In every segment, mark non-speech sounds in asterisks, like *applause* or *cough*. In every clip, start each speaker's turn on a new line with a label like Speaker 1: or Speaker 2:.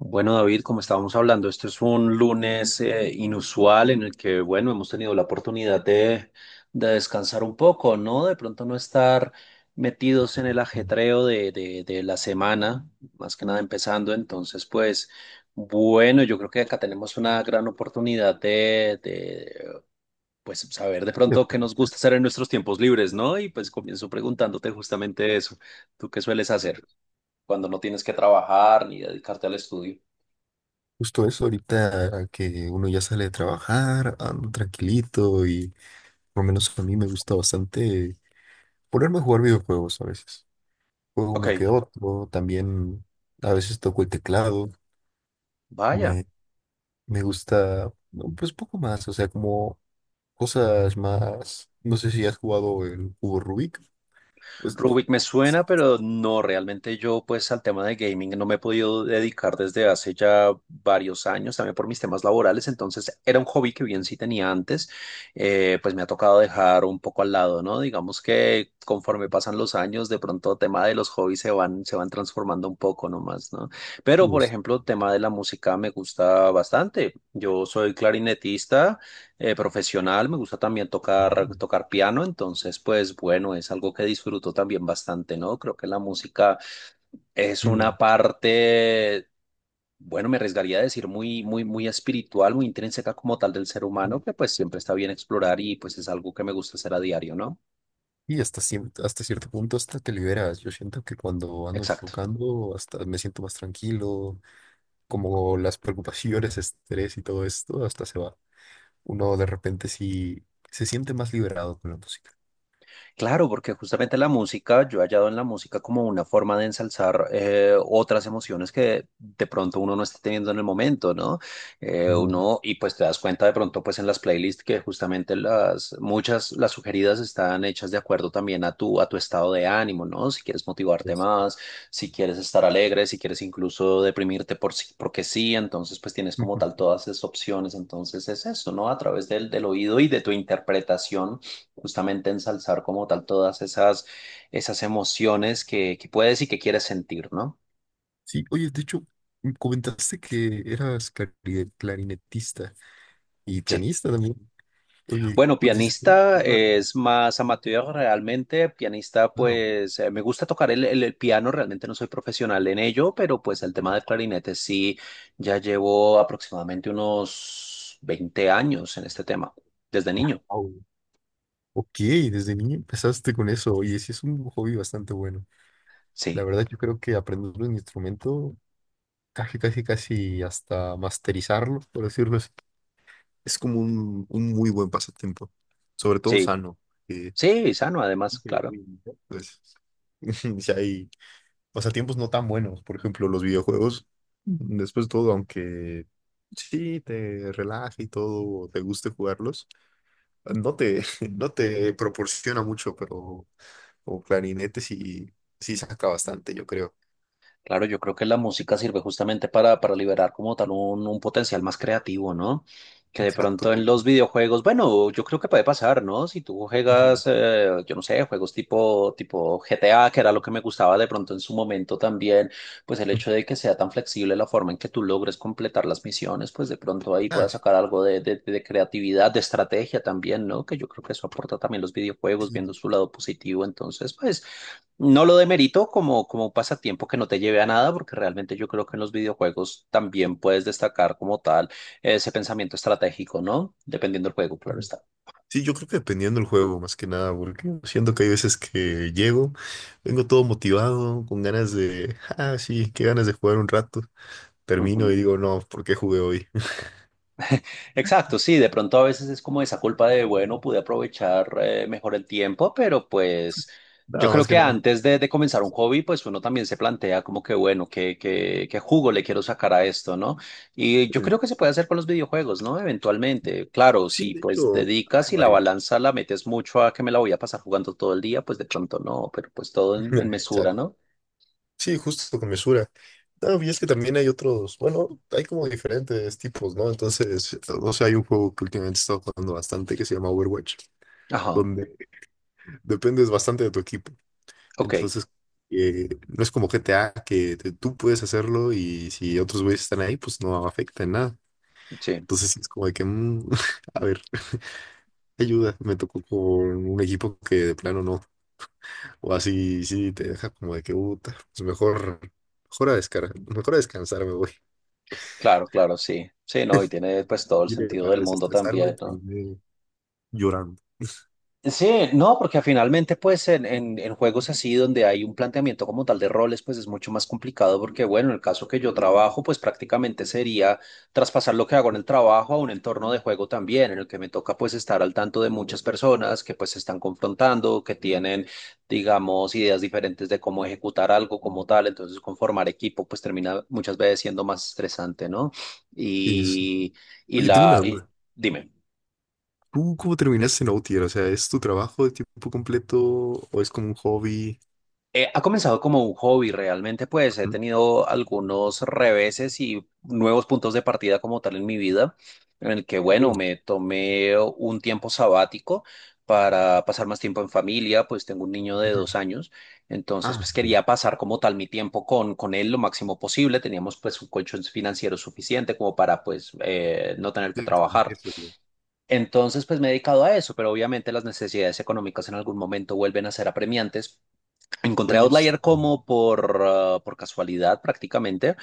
Speaker 1: Bueno, David, como estábamos hablando, este es un lunes inusual en el que, bueno, hemos tenido la oportunidad de descansar un poco, ¿no? De pronto no estar
Speaker 2: Eh,
Speaker 1: metidos en el ajetreo de la semana, más que nada empezando. Entonces, pues, bueno, yo creo que acá tenemos una gran oportunidad de, pues, saber de pronto qué nos gusta hacer en nuestros tiempos libres, ¿no? Y pues comienzo preguntándote justamente eso. ¿Tú qué sueles hacer cuando no tienes que trabajar ni dedicarte al estudio?
Speaker 2: Justo eso, ahorita que uno ya sale de trabajar, ando tranquilito y por lo menos a mí me gusta bastante ponerme a jugar videojuegos a veces. Juego
Speaker 1: Ok.
Speaker 2: uno que otro, también a veces toco el teclado,
Speaker 1: Vaya,
Speaker 2: me, me gusta no, pues poco más, o sea, como cosas más, no sé si has jugado el cubo Rubik, pues,
Speaker 1: Rubik me suena, pero no, realmente yo pues al tema de gaming no me he podido dedicar desde hace ya varios años, también por mis temas laborales, entonces era un hobby que bien sí tenía antes, pues me ha tocado dejar un poco al lado, ¿no? Digamos que conforme pasan los años, de pronto tema de los hobbies se van transformando un poco nomás, ¿no? Pero por
Speaker 2: pues,
Speaker 1: ejemplo, tema de la música me gusta bastante, yo soy clarinetista, profesional, me gusta también
Speaker 2: no.
Speaker 1: tocar piano, entonces pues bueno, es algo que disfruto también bastante, ¿no? Creo que la música es una
Speaker 2: Mm.
Speaker 1: parte, bueno, me arriesgaría a decir muy, muy, muy espiritual, muy intrínseca como tal del ser humano, que pues siempre está bien explorar y pues es algo que me gusta hacer a diario, ¿no?
Speaker 2: Hasta cierto punto hasta te liberas. Yo siento que cuando ando
Speaker 1: Exacto.
Speaker 2: tocando hasta me siento más tranquilo, como las preocupaciones, estrés y todo esto, hasta se va. Uno de repente sí se siente más liberado con la música.
Speaker 1: Claro, porque justamente la música, yo he hallado en la música como una forma de ensalzar otras emociones que de pronto uno no está teniendo en el momento, ¿no?
Speaker 2: Ujú.
Speaker 1: Uno, y pues te das cuenta de pronto pues en las playlists que justamente las, muchas, las sugeridas están hechas de acuerdo también a tu estado de ánimo, ¿no? Si quieres motivarte
Speaker 2: Pues,
Speaker 1: más, si quieres estar alegre, si quieres incluso deprimirte porque sí, entonces pues tienes como
Speaker 2: ujú.
Speaker 1: tal todas esas opciones, entonces es eso, ¿no? A través del oído y de tu interpretación justamente ensalzar como tal todas esas, esas emociones que puedes y que quieres sentir, ¿no?
Speaker 2: Sí, oye, de hecho, comentaste que eras clarinetista y
Speaker 1: Sí.
Speaker 2: pianista también. Oye,
Speaker 1: Bueno,
Speaker 2: pues, ¿desde cuándo
Speaker 1: pianista
Speaker 2: lleva-
Speaker 1: es más amateur realmente. Pianista,
Speaker 2: Wow,
Speaker 1: pues me gusta tocar el piano, realmente no soy profesional en ello, pero pues el tema del clarinete sí, ya llevo aproximadamente unos 20 años en este tema, desde niño.
Speaker 2: wow. Ok, desde niño empezaste con eso. Oye, sí es un hobby bastante bueno. La
Speaker 1: Sí,
Speaker 2: verdad, yo creo que aprender un instrumento, casi, casi, casi hasta masterizarlo, por decirlo así, es como un muy buen pasatiempo, sobre todo
Speaker 1: sí,
Speaker 2: sano. que,
Speaker 1: sí, sano además,
Speaker 2: que
Speaker 1: claro.
Speaker 2: hoy, pues, *laughs* si hay pasatiempos no tan buenos, por ejemplo, los videojuegos, después de todo, aunque sí te relaje y todo, o te guste jugarlos, no te, *laughs* no te proporciona mucho, pero como clarinete sí, sí saca bastante, yo creo.
Speaker 1: Claro, yo creo que la música sirve justamente para liberar como tal un potencial más creativo, ¿no? Que de
Speaker 2: Exacto.
Speaker 1: pronto en los videojuegos, bueno, yo creo que puede pasar, ¿no? Si tú
Speaker 2: Ujú.
Speaker 1: juegas, yo no sé, juegos tipo GTA, que era lo que me gustaba de pronto en su momento también, pues el hecho de que sea tan flexible la forma en que tú logres completar las misiones, pues de pronto ahí
Speaker 2: Ah,
Speaker 1: puedas
Speaker 2: sí.
Speaker 1: sacar algo de creatividad, de estrategia también, ¿no? Que yo creo que eso aporta también los videojuegos,
Speaker 2: Sí,
Speaker 1: viendo su lado positivo. Entonces, pues... No lo demerito como un pasatiempo que no te lleve a nada, porque realmente yo creo que en los videojuegos también puedes destacar como tal ese pensamiento estratégico, ¿no? Dependiendo del juego, claro está.
Speaker 2: Sí, yo creo que dependiendo del juego, más que nada, porque siento que hay veces que llego, vengo todo motivado, con ganas de, ah, sí, qué ganas de jugar un rato. Termino y
Speaker 1: Ujú.
Speaker 2: digo, no, ¿por qué jugué hoy? *laughs*
Speaker 1: Exacto, sí, de pronto a veces es como esa culpa de, bueno, pude aprovechar mejor el tiempo, pero pues yo
Speaker 2: Nada,
Speaker 1: creo
Speaker 2: más que
Speaker 1: que
Speaker 2: nada
Speaker 1: antes de comenzar un
Speaker 2: pasa.
Speaker 1: hobby, pues uno también se plantea como que, bueno, ¿qué jugo le quiero sacar a esto, ¿no? Y yo
Speaker 2: Eh,
Speaker 1: creo que se puede hacer con los videojuegos, ¿no? Eventualmente, claro,
Speaker 2: Sí,
Speaker 1: si
Speaker 2: de
Speaker 1: pues
Speaker 2: hecho,
Speaker 1: dedicas
Speaker 2: hay
Speaker 1: y la
Speaker 2: varios.
Speaker 1: balanza la metes mucho a que me la voy a pasar jugando todo el día, pues de pronto no, pero pues todo en
Speaker 2: *laughs*
Speaker 1: mesura,
Speaker 2: Exacto.
Speaker 1: ¿no?
Speaker 2: Sí, justo con mesura. No, y es que también hay otros, bueno, hay como diferentes tipos, ¿no? Entonces, o sea, hay un juego que últimamente he estado jugando bastante que se llama Overwatch,
Speaker 1: Ajá,
Speaker 2: donde dependes bastante de tu equipo.
Speaker 1: ok,
Speaker 2: Entonces, no es como GTA que tú puedes hacerlo y si otros güeyes están ahí, pues no afecta en nada.
Speaker 1: sí,
Speaker 2: Entonces, sí es como de que, *laughs* a ver, ayuda, me tocó con un equipo que de plano no. O así, sí, te deja como de que, puta, pues mejor, mejor a descargar, mejor a descansar me voy. *laughs*
Speaker 1: claro, claro, sí. Sí, no, y tiene pues todo el
Speaker 2: Vine
Speaker 1: sentido
Speaker 2: para
Speaker 1: del mundo
Speaker 2: desestresarme,
Speaker 1: también, ¿no?
Speaker 2: terminé llorando.
Speaker 1: Sí, no, porque finalmente pues en juegos así donde hay un planteamiento como tal de roles pues es mucho más complicado porque bueno, el caso que yo trabajo pues prácticamente sería traspasar lo que hago en el trabajo a un entorno de juego también en el que me toca pues estar al tanto de muchas personas que pues se están confrontando, que tienen digamos ideas diferentes de cómo ejecutar algo como tal, entonces conformar equipo pues termina muchas veces siendo más estresante, ¿no?
Speaker 2: Y eso.
Speaker 1: Y, y
Speaker 2: Oye, tengo una
Speaker 1: la... y-
Speaker 2: duda.
Speaker 1: dime.
Speaker 2: ¿Tú cómo terminaste en Outlier? O sea, ¿es tu trabajo de tiempo completo o es como un hobby?
Speaker 1: Ha comenzado como un hobby realmente, pues he
Speaker 2: Ujú.
Speaker 1: tenido algunos reveses y nuevos puntos de partida como tal en mi vida, en el que,
Speaker 2: Ok.
Speaker 1: bueno, me tomé un tiempo sabático para pasar más tiempo en familia, pues tengo un niño de
Speaker 2: Ujú.
Speaker 1: 2 años, entonces
Speaker 2: Ah,
Speaker 1: pues quería pasar como tal mi tiempo con él lo máximo posible, teníamos pues un colchón financiero suficiente como para pues no tener que
Speaker 2: debe
Speaker 1: trabajar.
Speaker 2: cambiarse, güey.
Speaker 1: Entonces, pues me he dedicado a eso, pero obviamente las necesidades económicas en algún momento vuelven a ser apremiantes. Encontré
Speaker 2: Oye, es,
Speaker 1: Outlier como por casualidad prácticamente.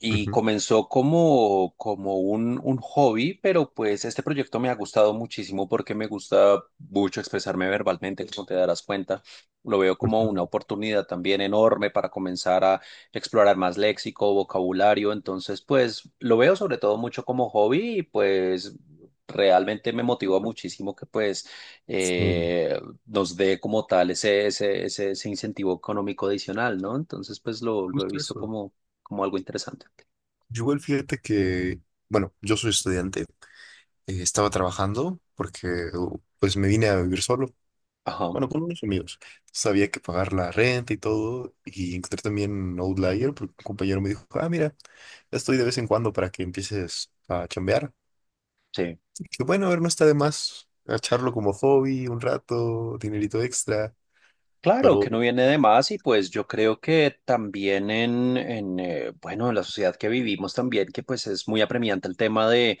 Speaker 1: Y
Speaker 2: ujú,
Speaker 1: comenzó como un hobby, pero pues este proyecto me ha gustado muchísimo porque me gusta mucho expresarme verbalmente, como te darás cuenta. Lo veo
Speaker 2: es
Speaker 1: como
Speaker 2: que,
Speaker 1: una oportunidad también enorme para comenzar a explorar más léxico, vocabulario. Entonces, pues lo veo sobre todo mucho como hobby y pues realmente me motivó muchísimo que pues
Speaker 2: este,
Speaker 1: eh, nos dé como tal ese incentivo económico adicional, ¿no? Entonces, pues lo he
Speaker 2: justo
Speaker 1: visto
Speaker 2: eso.
Speaker 1: como algo interesante.
Speaker 2: Yo igual fíjate que, bueno, yo soy estudiante. Estaba trabajando porque pues me vine a vivir solo,
Speaker 1: Ajá,
Speaker 2: bueno, con unos amigos. Sabía que pagar la renta y todo, y encontré también Outlier, porque un compañero me dijo, ah, mira, estoy de vez en cuando para que empieces a chambear.
Speaker 1: sí.
Speaker 2: Y bueno, a ver, no está de más echarlo como hobby un rato, dinerito extra,
Speaker 1: Claro
Speaker 2: pero...
Speaker 1: que no viene de más y pues yo creo que también en bueno, en la sociedad que vivimos también, que pues es muy apremiante el tema de,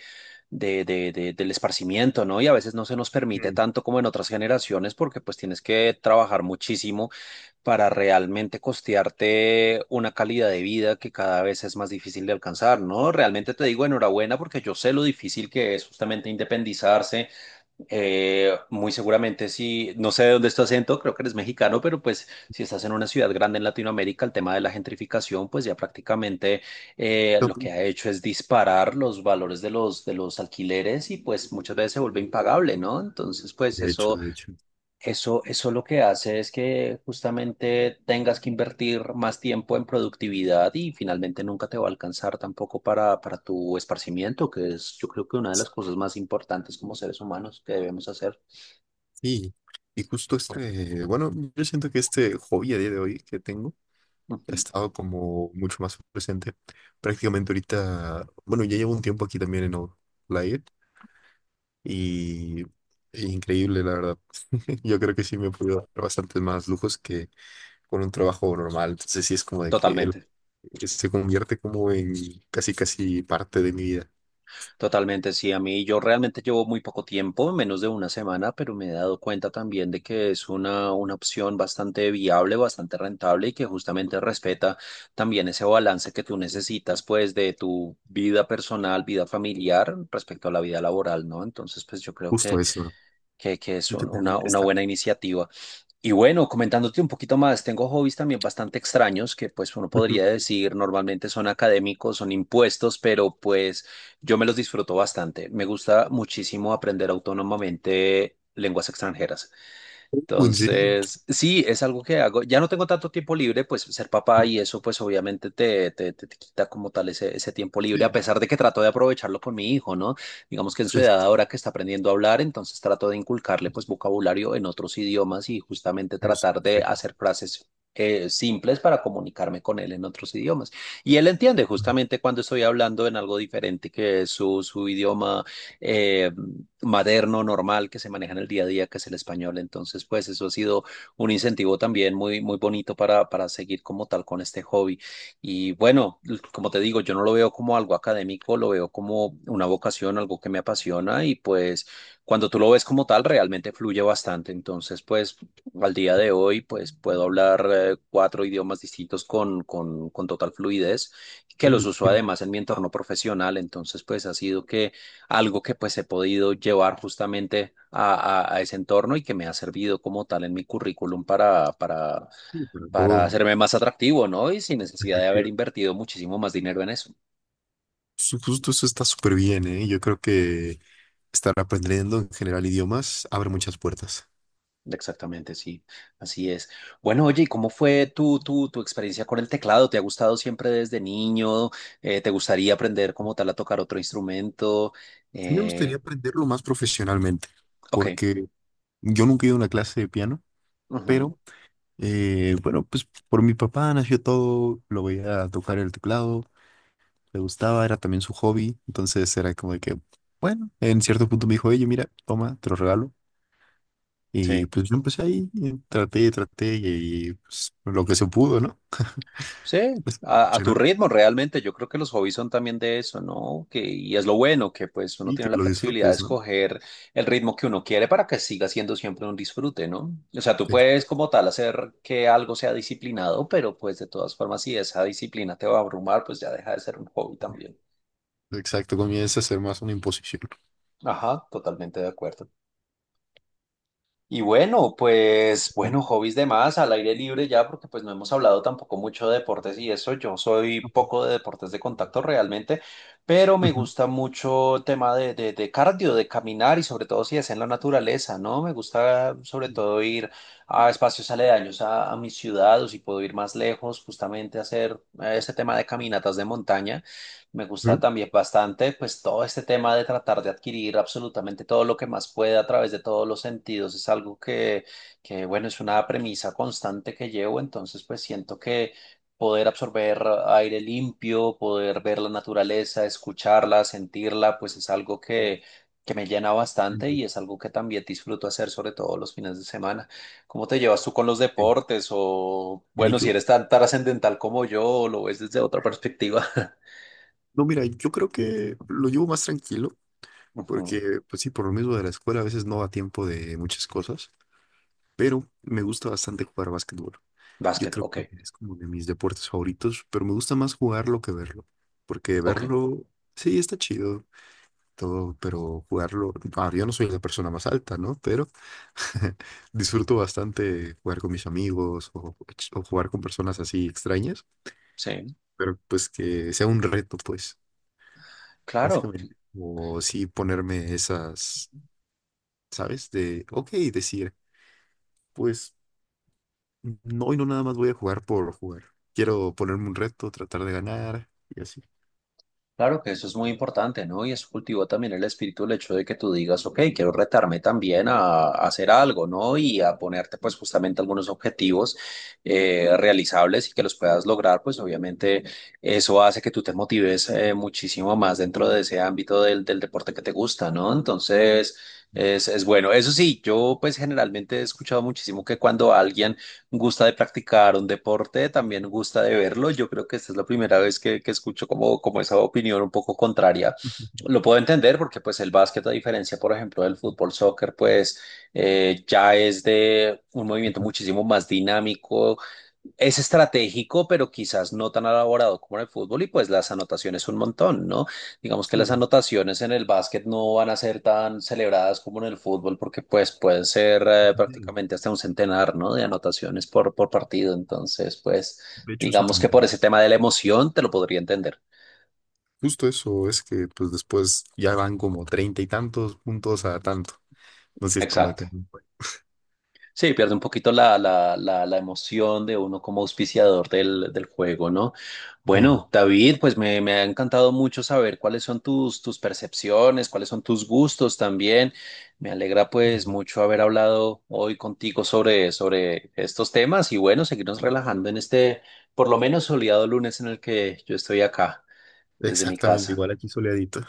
Speaker 1: de, de, de- del esparcimiento, ¿no? Y a veces no se nos permite
Speaker 2: mm,
Speaker 1: tanto como en otras generaciones porque pues tienes que trabajar muchísimo para realmente costearte una calidad de vida que cada vez es más difícil de alcanzar, ¿no? Realmente te digo enhorabuena porque yo sé lo difícil que es justamente independizarse. Muy seguramente si, no sé de dónde es tu acento, creo que eres mexicano, pero pues si estás en una ciudad grande en Latinoamérica, el tema de la gentrificación, pues ya prácticamente lo que ha hecho es disparar los valores de los alquileres y pues muchas veces se vuelve impagable, ¿no? Entonces, pues
Speaker 2: De hecho, de hecho.
Speaker 1: eso lo que hace es que justamente tengas que invertir más tiempo en productividad y finalmente nunca te va a alcanzar tampoco para tu esparcimiento, que es yo creo que una de las cosas más importantes como seres humanos que debemos hacer.
Speaker 2: Sí, y justo este, bueno, yo siento que este hobby a día de hoy que tengo ha
Speaker 1: Ujú.
Speaker 2: estado como mucho más presente. Prácticamente ahorita, bueno, ya llevo un tiempo aquí también en Outlier y e increíble, la verdad. *laughs* Yo creo que sí me he podido dar bastantes más lujos que con un trabajo normal. Entonces sí es como de que él
Speaker 1: Totalmente.
Speaker 2: se convierte como en casi casi parte de mi vida.
Speaker 1: Totalmente, sí, a mí yo realmente llevo muy poco tiempo, menos de una semana, pero me he dado cuenta también de que es una opción bastante viable, bastante rentable y que justamente respeta también ese balance que tú necesitas, pues, de tu vida personal, vida familiar respecto a la vida laboral, ¿no? Entonces, pues yo creo
Speaker 2: Justo
Speaker 1: que,
Speaker 2: eso, ¿no?
Speaker 1: que, que es
Speaker 2: Sí te permite
Speaker 1: una
Speaker 2: estar
Speaker 1: buena
Speaker 2: bien.
Speaker 1: iniciativa. Y bueno, comentándote un poquito más, tengo hobbies también bastante extraños que pues uno podría
Speaker 2: *laughs*
Speaker 1: decir normalmente son académicos, son impuestos, pero pues yo me los disfruto bastante. Me gusta muchísimo aprender autónomamente lenguas extranjeras.
Speaker 2: ¿En serio?
Speaker 1: Entonces, sí, es algo que hago. Ya no tengo tanto tiempo libre, pues ser papá y
Speaker 2: *laughs*
Speaker 1: eso, pues obviamente te, te, te quita como tal ese, ese tiempo libre, a
Speaker 2: Sí,
Speaker 1: pesar de que trato de aprovecharlo con mi hijo, ¿no? Digamos que en
Speaker 2: sí,
Speaker 1: su edad
Speaker 2: sí,
Speaker 1: ahora que está aprendiendo a hablar, entonces trato de inculcarle pues vocabulario en otros idiomas y justamente
Speaker 2: es
Speaker 1: tratar de
Speaker 2: perfecto.
Speaker 1: hacer frases, simples para comunicarme con él en otros idiomas. Y él entiende justamente cuando estoy hablando en algo diferente que es su, su idioma eh, materno, normal, que se maneja en el día a día, que es el español. Entonces, pues eso ha sido un incentivo también muy, muy bonito para seguir como tal con este hobby. Y bueno, como te digo, yo no lo veo como algo académico, lo veo como una vocación, algo que me apasiona y pues cuando tú lo ves como tal, realmente fluye bastante. Entonces, pues al día de hoy, pues puedo hablar cuatro idiomas distintos con total fluidez, que los
Speaker 2: Uy,
Speaker 1: uso además en mi entorno profesional. Entonces, pues ha sido que algo que pues he podido llevar justamente a, ese entorno y que me ha servido como tal en mi currículum
Speaker 2: uy, Para
Speaker 1: para
Speaker 2: todo,
Speaker 1: hacerme más atractivo, ¿no? Y sin necesidad de haber
Speaker 2: efectivamente.
Speaker 1: invertido muchísimo más dinero en eso.
Speaker 2: Justo eso está súper bien, ¿eh? Yo creo que estar aprendiendo en general idiomas abre muchas puertas.
Speaker 1: Exactamente, sí, así es. Bueno, oye, ¿y cómo fue tu, tu experiencia con el teclado? ¿Te ha gustado siempre desde niño? ¿Te gustaría aprender como tal a tocar otro instrumento?
Speaker 2: Sí me gustaría
Speaker 1: Eh,
Speaker 2: aprenderlo más profesionalmente,
Speaker 1: ok,
Speaker 2: porque yo nunca he ido a una clase de piano,
Speaker 1: ujú,
Speaker 2: pero bueno, pues por mi papá nació todo, lo veía tocar el teclado, le gustaba, era también su hobby, entonces era como de que, bueno, en cierto punto me dijo, oye, mira, toma, te lo regalo. Y
Speaker 1: sí.
Speaker 2: pues yo empecé ahí, y traté y, pues lo que se pudo, ¿no?
Speaker 1: Sí, a tu
Speaker 2: Emocionante.
Speaker 1: ritmo realmente. Yo creo que los hobbies son también de eso, ¿no? Que, y es lo bueno, que pues uno
Speaker 2: Y que
Speaker 1: tiene la
Speaker 2: lo
Speaker 1: flexibilidad de
Speaker 2: disfrutes, ¿no?
Speaker 1: escoger el ritmo que uno quiere para que siga siendo siempre un disfrute, ¿no? O sea, tú
Speaker 2: Ex-
Speaker 1: puedes como tal hacer que algo sea disciplinado, pero pues de todas formas, si esa disciplina te va a abrumar, pues ya deja de ser un hobby también.
Speaker 2: Exacto, comienza a ser más una imposición.
Speaker 1: Ajá, totalmente de acuerdo. Y bueno, pues bueno, hobbies de más al aire libre ya, porque pues no hemos hablado tampoco mucho de deportes y eso. Yo soy poco de deportes de contacto realmente, pero me
Speaker 2: Ujú.
Speaker 1: gusta mucho el tema de cardio, de caminar y sobre todo si es en la naturaleza, ¿no? Me gusta sobre todo ir a espacios aledaños a mi ciudad o si puedo ir más lejos, justamente a hacer este tema de caminatas de montaña. Me gusta
Speaker 2: Ujú.
Speaker 1: también bastante, pues todo este tema de tratar de adquirir absolutamente todo lo que más pueda a través de todos los sentidos es algo que bueno, es una premisa constante que llevo, entonces pues siento que poder absorber aire limpio, poder ver la naturaleza, escucharla, sentirla, pues es algo que me llena bastante y
Speaker 2: Entonces,
Speaker 1: es algo que también disfruto hacer, sobre todo los fines de semana. ¿Cómo te llevas tú con los
Speaker 2: sí.
Speaker 1: deportes? O
Speaker 2: Mira,
Speaker 1: bueno, si
Speaker 2: yo,
Speaker 1: eres tan trascendental como yo, lo ves desde otra perspectiva. *laughs*
Speaker 2: no, mira, yo creo que lo llevo más tranquilo,
Speaker 1: Ujú.
Speaker 2: porque, pues sí, por lo mismo de la escuela a veces no da tiempo de muchas cosas, pero me gusta bastante jugar básquetbol. Yo
Speaker 1: Básquet,
Speaker 2: creo
Speaker 1: ok,
Speaker 2: que es como de mis deportes favoritos, pero me gusta más jugarlo que verlo, porque
Speaker 1: ok,
Speaker 2: verlo, sí, está chido, todo, pero jugarlo, ah, yo no soy la persona más alta, ¿no? Pero *laughs* disfruto bastante jugar con mis amigos o jugar con personas así extrañas,
Speaker 1: sí,
Speaker 2: pero pues que sea un reto, pues,
Speaker 1: claro,
Speaker 2: básicamente. O sí ponerme esas, ¿sabes? De, ok, decir, pues, no, hoy no nada más voy a jugar por jugar. Quiero ponerme un reto, tratar de ganar y así.
Speaker 1: claro que eso es muy importante, ¿no? Y eso cultivó también el espíritu, el hecho de que tú digas, ok, quiero retarme también a hacer algo, ¿no? Y a ponerte pues justamente algunos objetivos realizables y que los puedas lograr, pues obviamente eso hace que tú te motives muchísimo más dentro de ese ámbito del deporte que te gusta, ¿no? Entonces, es bueno. Eso sí, yo pues generalmente he escuchado muchísimo que cuando alguien gusta de practicar un deporte, también gusta de verlo. Yo creo que esta es la primera vez que escucho como esa opinión un poco contraria.
Speaker 2: *laughs*
Speaker 1: Lo puedo entender porque pues el básquet, a diferencia, por ejemplo, del fútbol, soccer, pues ya es de un movimiento
Speaker 2: Ujú.
Speaker 1: muchísimo más dinámico, es estratégico, pero quizás no tan elaborado como en el fútbol y pues las anotaciones un montón, ¿no? Digamos que las
Speaker 2: Sí,
Speaker 1: anotaciones en el básquet no van a ser tan celebradas como en el fútbol porque pues pueden ser
Speaker 2: de
Speaker 1: prácticamente hasta un centenar, ¿no? De anotaciones por partido. Entonces, pues
Speaker 2: de hecho eso
Speaker 1: digamos que por
Speaker 2: también.
Speaker 1: ese tema de la emoción te lo podría entender.
Speaker 2: Justo eso, es que pues después ya van como treinta y tantos puntos a tanto. Entonces sí es como de
Speaker 1: Exacto.
Speaker 2: que...
Speaker 1: Sí, pierde un poquito la, la, la emoción de uno como auspiciador del juego, ¿no?
Speaker 2: mm,
Speaker 1: Bueno, David, pues me ha encantado mucho saber cuáles son tus, tus percepciones, cuáles son tus gustos también. Me alegra pues mucho haber hablado hoy contigo sobre estos temas y bueno, seguirnos relajando en este por lo menos soleado lunes en el que yo estoy acá desde mi
Speaker 2: Exactamente,
Speaker 1: casa.
Speaker 2: igual aquí soleadito.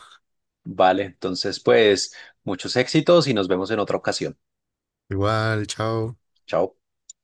Speaker 1: Vale, entonces pues muchos éxitos y nos vemos en otra ocasión.
Speaker 2: Igual, chao.
Speaker 1: Chao.